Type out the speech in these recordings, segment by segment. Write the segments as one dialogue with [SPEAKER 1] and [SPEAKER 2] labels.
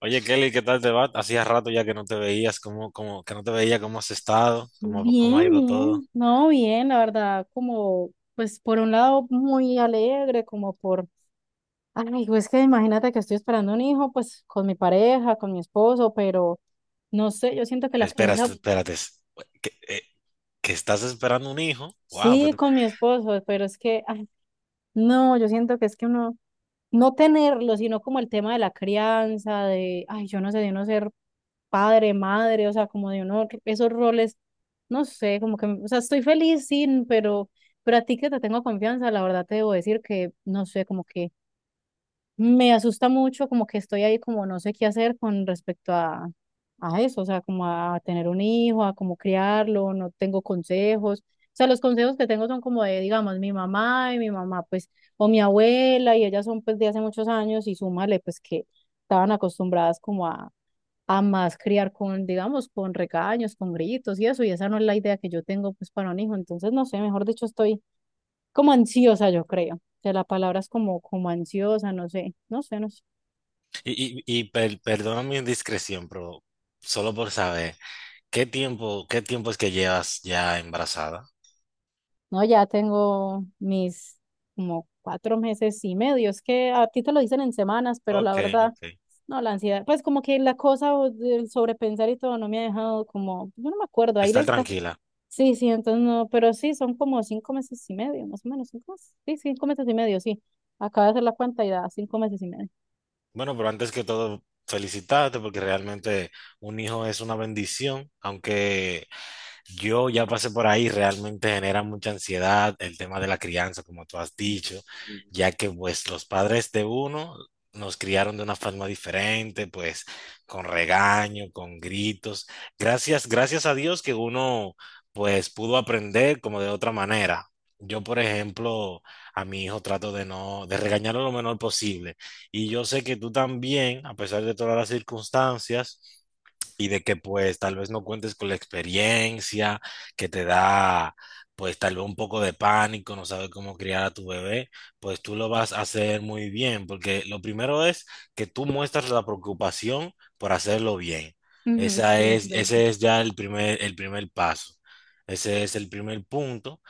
[SPEAKER 1] Oye, Kelly, ¿qué tal te va? Hacía rato ya que no te veías, ¿cómo, cómo, que no te veía, cómo has estado, cómo ha
[SPEAKER 2] Bien,
[SPEAKER 1] ido todo.
[SPEAKER 2] bien, no, bien, la verdad, como, pues por un lado muy alegre, como por, ay, pues que imagínate que estoy esperando un hijo, pues con mi pareja, con mi esposo, pero no sé, yo siento que la
[SPEAKER 1] Espera,
[SPEAKER 2] crianza.
[SPEAKER 1] espérate. ¿Que, eh, que estás esperando un hijo. Wow.
[SPEAKER 2] Sí, con mi esposo, pero es que, ay, no, yo siento que es que uno, no tenerlo, sino como el tema de la crianza, de, ay, yo no sé, de uno ser padre, madre, o sea, como de uno, esos roles, no sé, como que, o sea, estoy feliz, sí, pero a ti que te tengo confianza, la verdad te debo decir que, no sé, como que me asusta mucho, como que estoy ahí como no sé qué hacer con respecto a eso, o sea, como a tener un hijo, a cómo criarlo, no tengo consejos. O sea, los consejos que tengo son como de, digamos, mi mamá y mi mamá, pues, o mi abuela, y ellas son pues de hace muchos años, y súmale, pues que estaban acostumbradas como a más criar con, digamos, con regaños, con gritos y eso, y esa no es la idea que yo tengo pues para un hijo, entonces no sé, mejor dicho, estoy como ansiosa, yo creo, o sea, la palabra es como, como ansiosa, no sé, no sé, no sé.
[SPEAKER 1] Perdona mi indiscreción, pero solo por saber, ¿qué tiempo es que llevas ya embarazada?
[SPEAKER 2] No, ya tengo mis como 4 meses y medio, es que a ti te lo dicen en semanas, pero la
[SPEAKER 1] Ok,
[SPEAKER 2] verdad,
[SPEAKER 1] ok.
[SPEAKER 2] no, la ansiedad, pues como que la cosa o del sobrepensar y todo no me ha dejado como, yo no me acuerdo, ahí la.
[SPEAKER 1] Estar tranquila.
[SPEAKER 2] Sí, sí, entonces no, pero sí, son como 5 meses y medio, más o menos, 5 meses. Sí, 5 meses y medio, sí. Acaba de hacer la cuenta y da 5 meses y medio.
[SPEAKER 1] Bueno, pero antes que todo, felicitarte porque realmente un hijo es una bendición. Aunque yo ya pasé por ahí, realmente genera mucha ansiedad el tema de la crianza, como tú has dicho,
[SPEAKER 2] Ups. Sí.
[SPEAKER 1] ya que pues los padres de uno nos criaron de una forma diferente, pues con regaño, con gritos. Gracias, gracias a Dios que uno pues pudo aprender como de otra manera. Yo, por ejemplo, a mi hijo trato de no, de regañarlo lo menor posible. Y yo sé que tú también, a pesar de todas las circunstancias, pues, y de que pues tal vez no cuentes con la experiencia que te da pues tal vez un poco de pánico, no sabes cómo criar a tu bebé, pues tú lo vas a hacer muy bien, porque lo primero es que tú muestras la preocupación por hacerlo bien.
[SPEAKER 2] Ujú.
[SPEAKER 1] Esa
[SPEAKER 2] Sí, es
[SPEAKER 1] es,
[SPEAKER 2] verdad.
[SPEAKER 1] ese es ya el primer paso. Ese es el primer punto,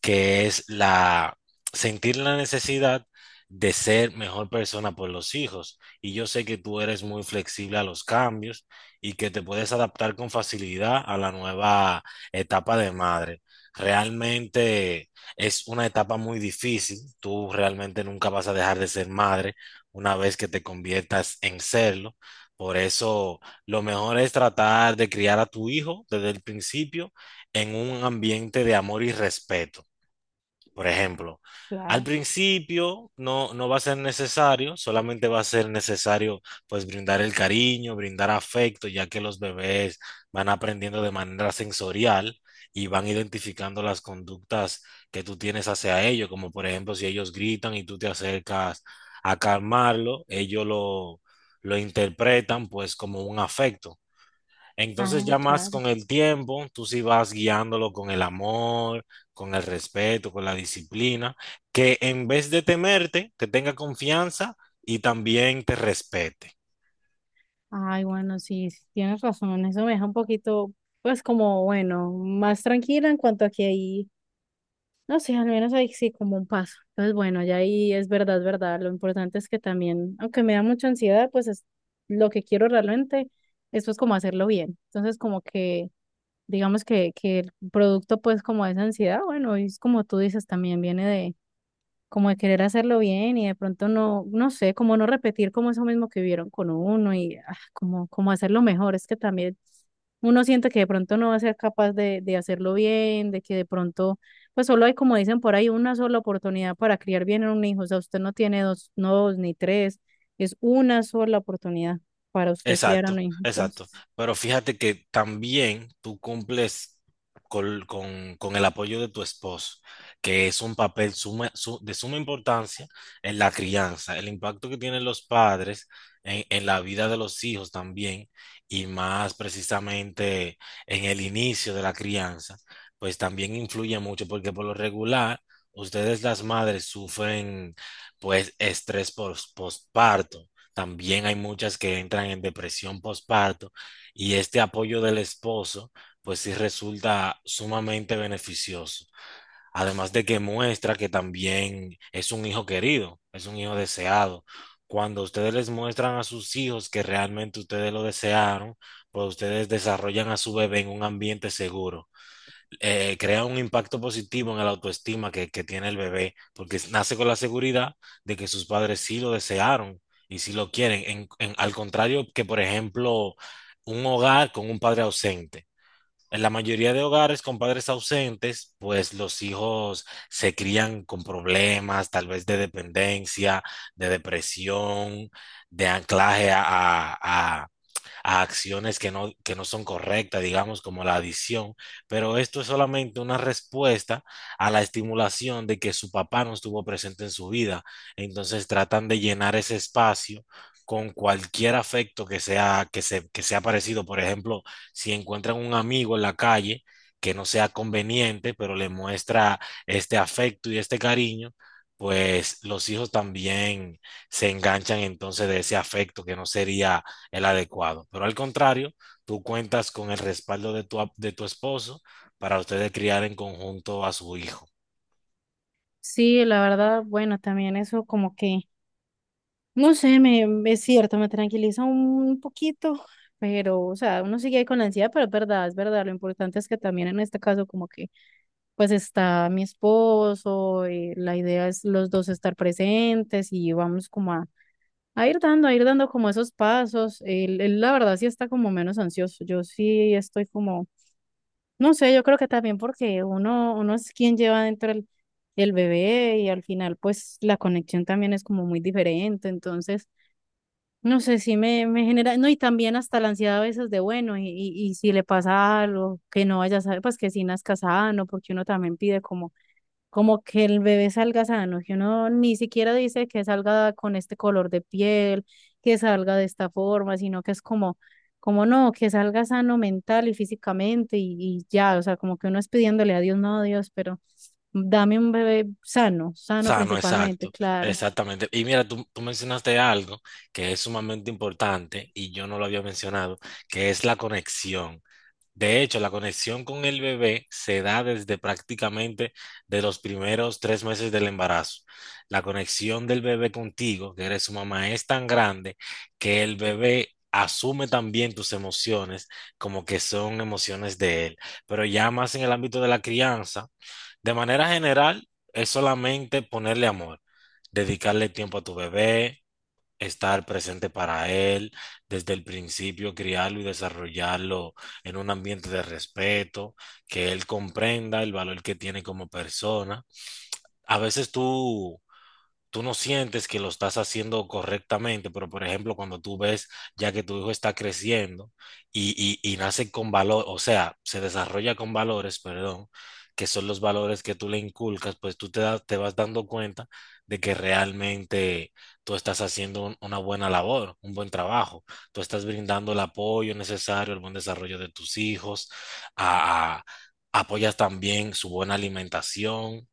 [SPEAKER 1] que es la sentir la necesidad de ser mejor persona por los hijos. Y yo sé que tú eres muy flexible a los cambios y que te puedes adaptar con facilidad a la nueva etapa de madre. Realmente es una etapa muy difícil. Tú realmente nunca vas a dejar de ser madre una vez que te conviertas en serlo. Por eso lo mejor es tratar de criar a tu hijo desde el principio en un ambiente de amor y respeto. Por ejemplo, al
[SPEAKER 2] Claro.
[SPEAKER 1] principio no va a ser necesario, solamente va a ser necesario pues brindar el cariño, brindar afecto, ya que los bebés van aprendiendo de manera sensorial y van identificando las conductas que tú tienes hacia ellos, como por ejemplo si ellos gritan y tú te acercas a calmarlo, lo interpretan pues como un afecto. Entonces
[SPEAKER 2] Ah,
[SPEAKER 1] ya más
[SPEAKER 2] claro.
[SPEAKER 1] con el tiempo, tú sí vas guiándolo con el amor, con el respeto, con la disciplina, que en vez de temerte, te tenga confianza y también te respete.
[SPEAKER 2] Ay, bueno, sí, sí, tienes razón. Eso me deja un poquito, pues como, bueno, más tranquila en cuanto a que ahí, no sé, al menos ahí sí como un paso. Entonces, bueno, ya ahí es verdad, es verdad. Lo importante es que también, aunque me da mucha ansiedad, pues es lo que quiero realmente, esto es como hacerlo bien. Entonces, como que digamos que el producto pues como de esa ansiedad, bueno, es como tú dices, también viene de como de querer hacerlo bien y de pronto no, no sé, como no repetir como eso mismo que vivieron con uno y ah, como, como hacerlo mejor, es que también uno siente que de pronto no va a ser capaz de hacerlo bien, de que de pronto, pues solo hay como dicen por ahí, una sola oportunidad para criar bien a un hijo, o sea, usted no tiene dos, no dos ni tres, es una sola oportunidad para usted criar a un
[SPEAKER 1] Exacto,
[SPEAKER 2] hijo,
[SPEAKER 1] exacto.
[SPEAKER 2] entonces.
[SPEAKER 1] Pero fíjate que también tú cumples con el apoyo de tu esposo, que es un papel de suma importancia en la crianza, el impacto que tienen los padres en la vida de los hijos también, y más precisamente en el inicio de la crianza, pues también influye mucho, porque por lo regular, ustedes las madres sufren pues estrés postparto. También hay muchas que entran en depresión postparto, y este apoyo del esposo, pues sí resulta sumamente beneficioso. Además de que muestra que también es un hijo querido, es un hijo deseado. Cuando ustedes les muestran a sus hijos que realmente ustedes lo desearon, pues ustedes desarrollan a su bebé en un ambiente seguro. Crea un impacto positivo en la autoestima que tiene el bebé, porque nace con la seguridad de que sus padres sí lo desearon y sí lo quieren, al contrario que, por ejemplo, un hogar con un padre ausente. En la mayoría de hogares con padres ausentes, pues los hijos se crían con problemas, tal vez de dependencia, de depresión, de anclaje a a acciones que no son correctas, digamos, como la adicción, pero esto es solamente una respuesta a la estimulación de que su papá no estuvo presente en su vida. Entonces tratan de llenar ese espacio con cualquier afecto que sea parecido. Por ejemplo, si encuentran un amigo en la calle que no sea conveniente, pero le muestra este afecto y este cariño, pues los hijos también se enganchan entonces de ese afecto que no sería el adecuado. Pero al contrario, tú cuentas con el respaldo de tu esposo para ustedes criar en conjunto a su hijo.
[SPEAKER 2] Sí, la verdad, bueno, también eso como que, no sé, es cierto, me tranquiliza un poquito, pero, o sea, uno sigue ahí con la ansiedad, pero es verdad, lo importante es que también en este caso como que, pues está mi esposo, y la idea es los dos estar presentes y vamos como a ir dando como esos pasos, él, la verdad sí está como menos ansioso, yo sí estoy como no sé, yo creo que también porque uno, uno es quien lleva dentro el bebé y al final pues la conexión también es como muy diferente, entonces no sé si me, me genera, no, y también hasta la ansiedad a veces de bueno, y si le pasa algo, que no vaya a saber, pues que si nazca sano, porque uno también pide como como que el bebé salga sano, que uno ni siquiera dice que salga con este color de piel, que salga de esta forma, sino que es como, como no, que salga sano mental y físicamente y ya, o sea, como que uno es pidiéndole a Dios, no a Dios, pero dame un bebé sano, sano
[SPEAKER 1] Sano,
[SPEAKER 2] principalmente,
[SPEAKER 1] exacto,
[SPEAKER 2] claro.
[SPEAKER 1] exactamente. Y mira, tú mencionaste algo que es sumamente importante y yo no lo había mencionado, que es la conexión. De hecho, la conexión con el bebé se da desde prácticamente de los primeros 3 meses del embarazo. La conexión del bebé contigo, que eres su mamá, es tan grande que el bebé asume también tus emociones como que son emociones de él. Pero ya más en el ámbito de la crianza, de manera general, es solamente ponerle amor, dedicarle tiempo a tu bebé, estar presente para él desde el principio, criarlo y desarrollarlo en un ambiente de respeto, que él comprenda el valor que tiene como persona. A veces tú no sientes que lo estás haciendo correctamente, pero por ejemplo, cuando tú ves ya que tu hijo está creciendo y, y nace con valor, o sea, se desarrolla con valores, perdón, que son los valores que tú le inculcas, pues te vas dando cuenta de que realmente tú estás haciendo una buena labor, un buen trabajo, tú estás brindando el apoyo necesario, el buen desarrollo de tus hijos, a- a- apoyas también su buena alimentación,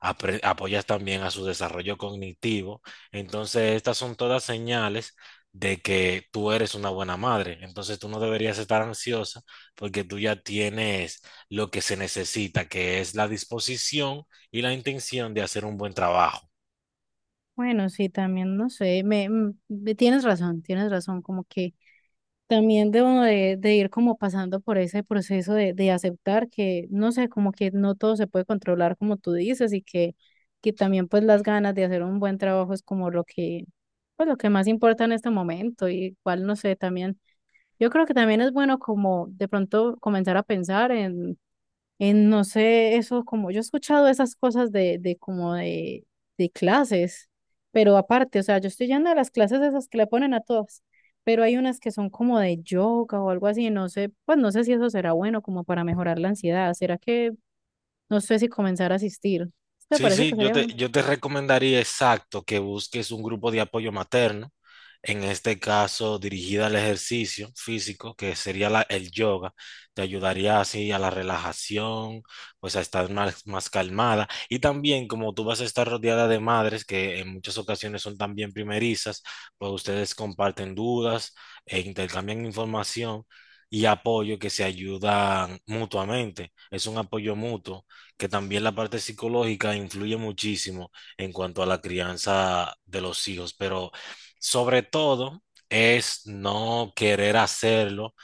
[SPEAKER 1] apoyas también a su desarrollo cognitivo. Entonces, estas son todas señales de que tú eres una buena madre. Entonces, tú no deberías estar ansiosa porque tú ya tienes lo que se necesita, que es la disposición y la intención de hacer un buen trabajo.
[SPEAKER 2] Bueno, sí, también, no sé, tienes razón, como que también debo de ir como pasando por ese proceso de aceptar que, no sé, como que no todo se puede controlar como tú dices y que también pues las ganas de hacer un buen trabajo es como lo que, pues lo que más importa en este momento y igual, no sé, también, yo creo que también es bueno como de pronto comenzar a pensar en no sé, eso como yo he escuchado esas cosas de como de clases, pero aparte, o sea, yo estoy yendo a las clases esas que le ponen a todas, pero hay unas que son como de yoga o algo así, no sé, pues no sé si eso será bueno como para mejorar la ansiedad, será que, no sé si comenzar a asistir. ¿Sí? ¿Te
[SPEAKER 1] Sí,
[SPEAKER 2] parece
[SPEAKER 1] sí,
[SPEAKER 2] que sería bueno?
[SPEAKER 1] yo te recomendaría exacto que busques un grupo de apoyo materno, en este caso dirigida al ejercicio físico, que sería el yoga, te ayudaría así a la relajación, pues a estar más calmada. Y también como tú vas a estar rodeada de madres que en muchas ocasiones son también primerizas, pues ustedes comparten dudas e intercambian información y apoyo que se ayudan mutuamente. Es un apoyo mutuo que también la parte psicológica influye muchísimo en cuanto a la crianza de los hijos, pero sobre todo es no querer hacerlo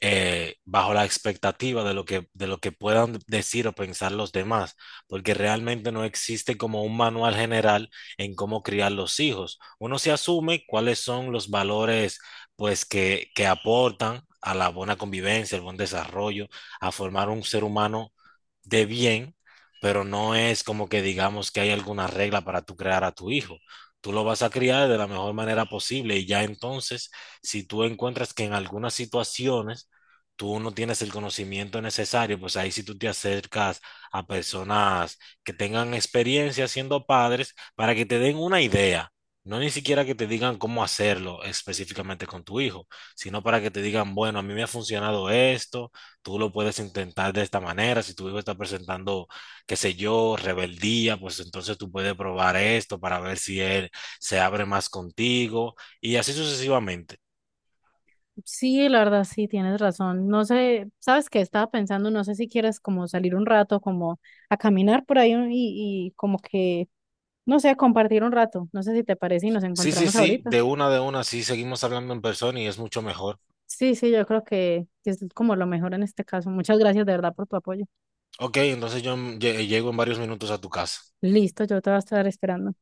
[SPEAKER 1] bajo la expectativa de lo que puedan decir o pensar los demás, porque realmente no existe como un manual general en cómo criar los hijos. Uno se asume cuáles son los valores pues que aportan a la buena convivencia, al buen desarrollo, a formar un ser humano de bien, pero no es como que digamos que hay alguna regla para tú crear a tu hijo. Tú lo vas a criar de la mejor manera posible y ya entonces, si tú encuentras que en algunas situaciones tú no tienes el conocimiento necesario, pues ahí sí tú te acercas a personas que tengan experiencia siendo padres para que te den una idea. No ni siquiera que te digan cómo hacerlo específicamente con tu hijo, sino para que te digan, bueno, a mí me ha funcionado esto, tú lo puedes intentar de esta manera, si tu hijo está presentando, qué sé yo, rebeldía, pues entonces tú puedes probar esto para ver si él se abre más contigo y así sucesivamente.
[SPEAKER 2] Sí, la verdad, sí, tienes razón, no sé, ¿sabes qué? Estaba pensando, no sé si quieres como salir un rato, como a caminar por ahí y como que no sé, compartir un rato. No sé si te parece y nos
[SPEAKER 1] Sí, sí,
[SPEAKER 2] encontramos
[SPEAKER 1] sí,
[SPEAKER 2] ahorita.
[SPEAKER 1] de una, sí, seguimos hablando en persona y es mucho mejor.
[SPEAKER 2] Sí, sí, yo creo que es como lo mejor en este caso. Muchas gracias de verdad por tu apoyo.
[SPEAKER 1] Ok, entonces yo llego en varios minutos a tu casa.
[SPEAKER 2] Listo, yo te voy a estar esperando.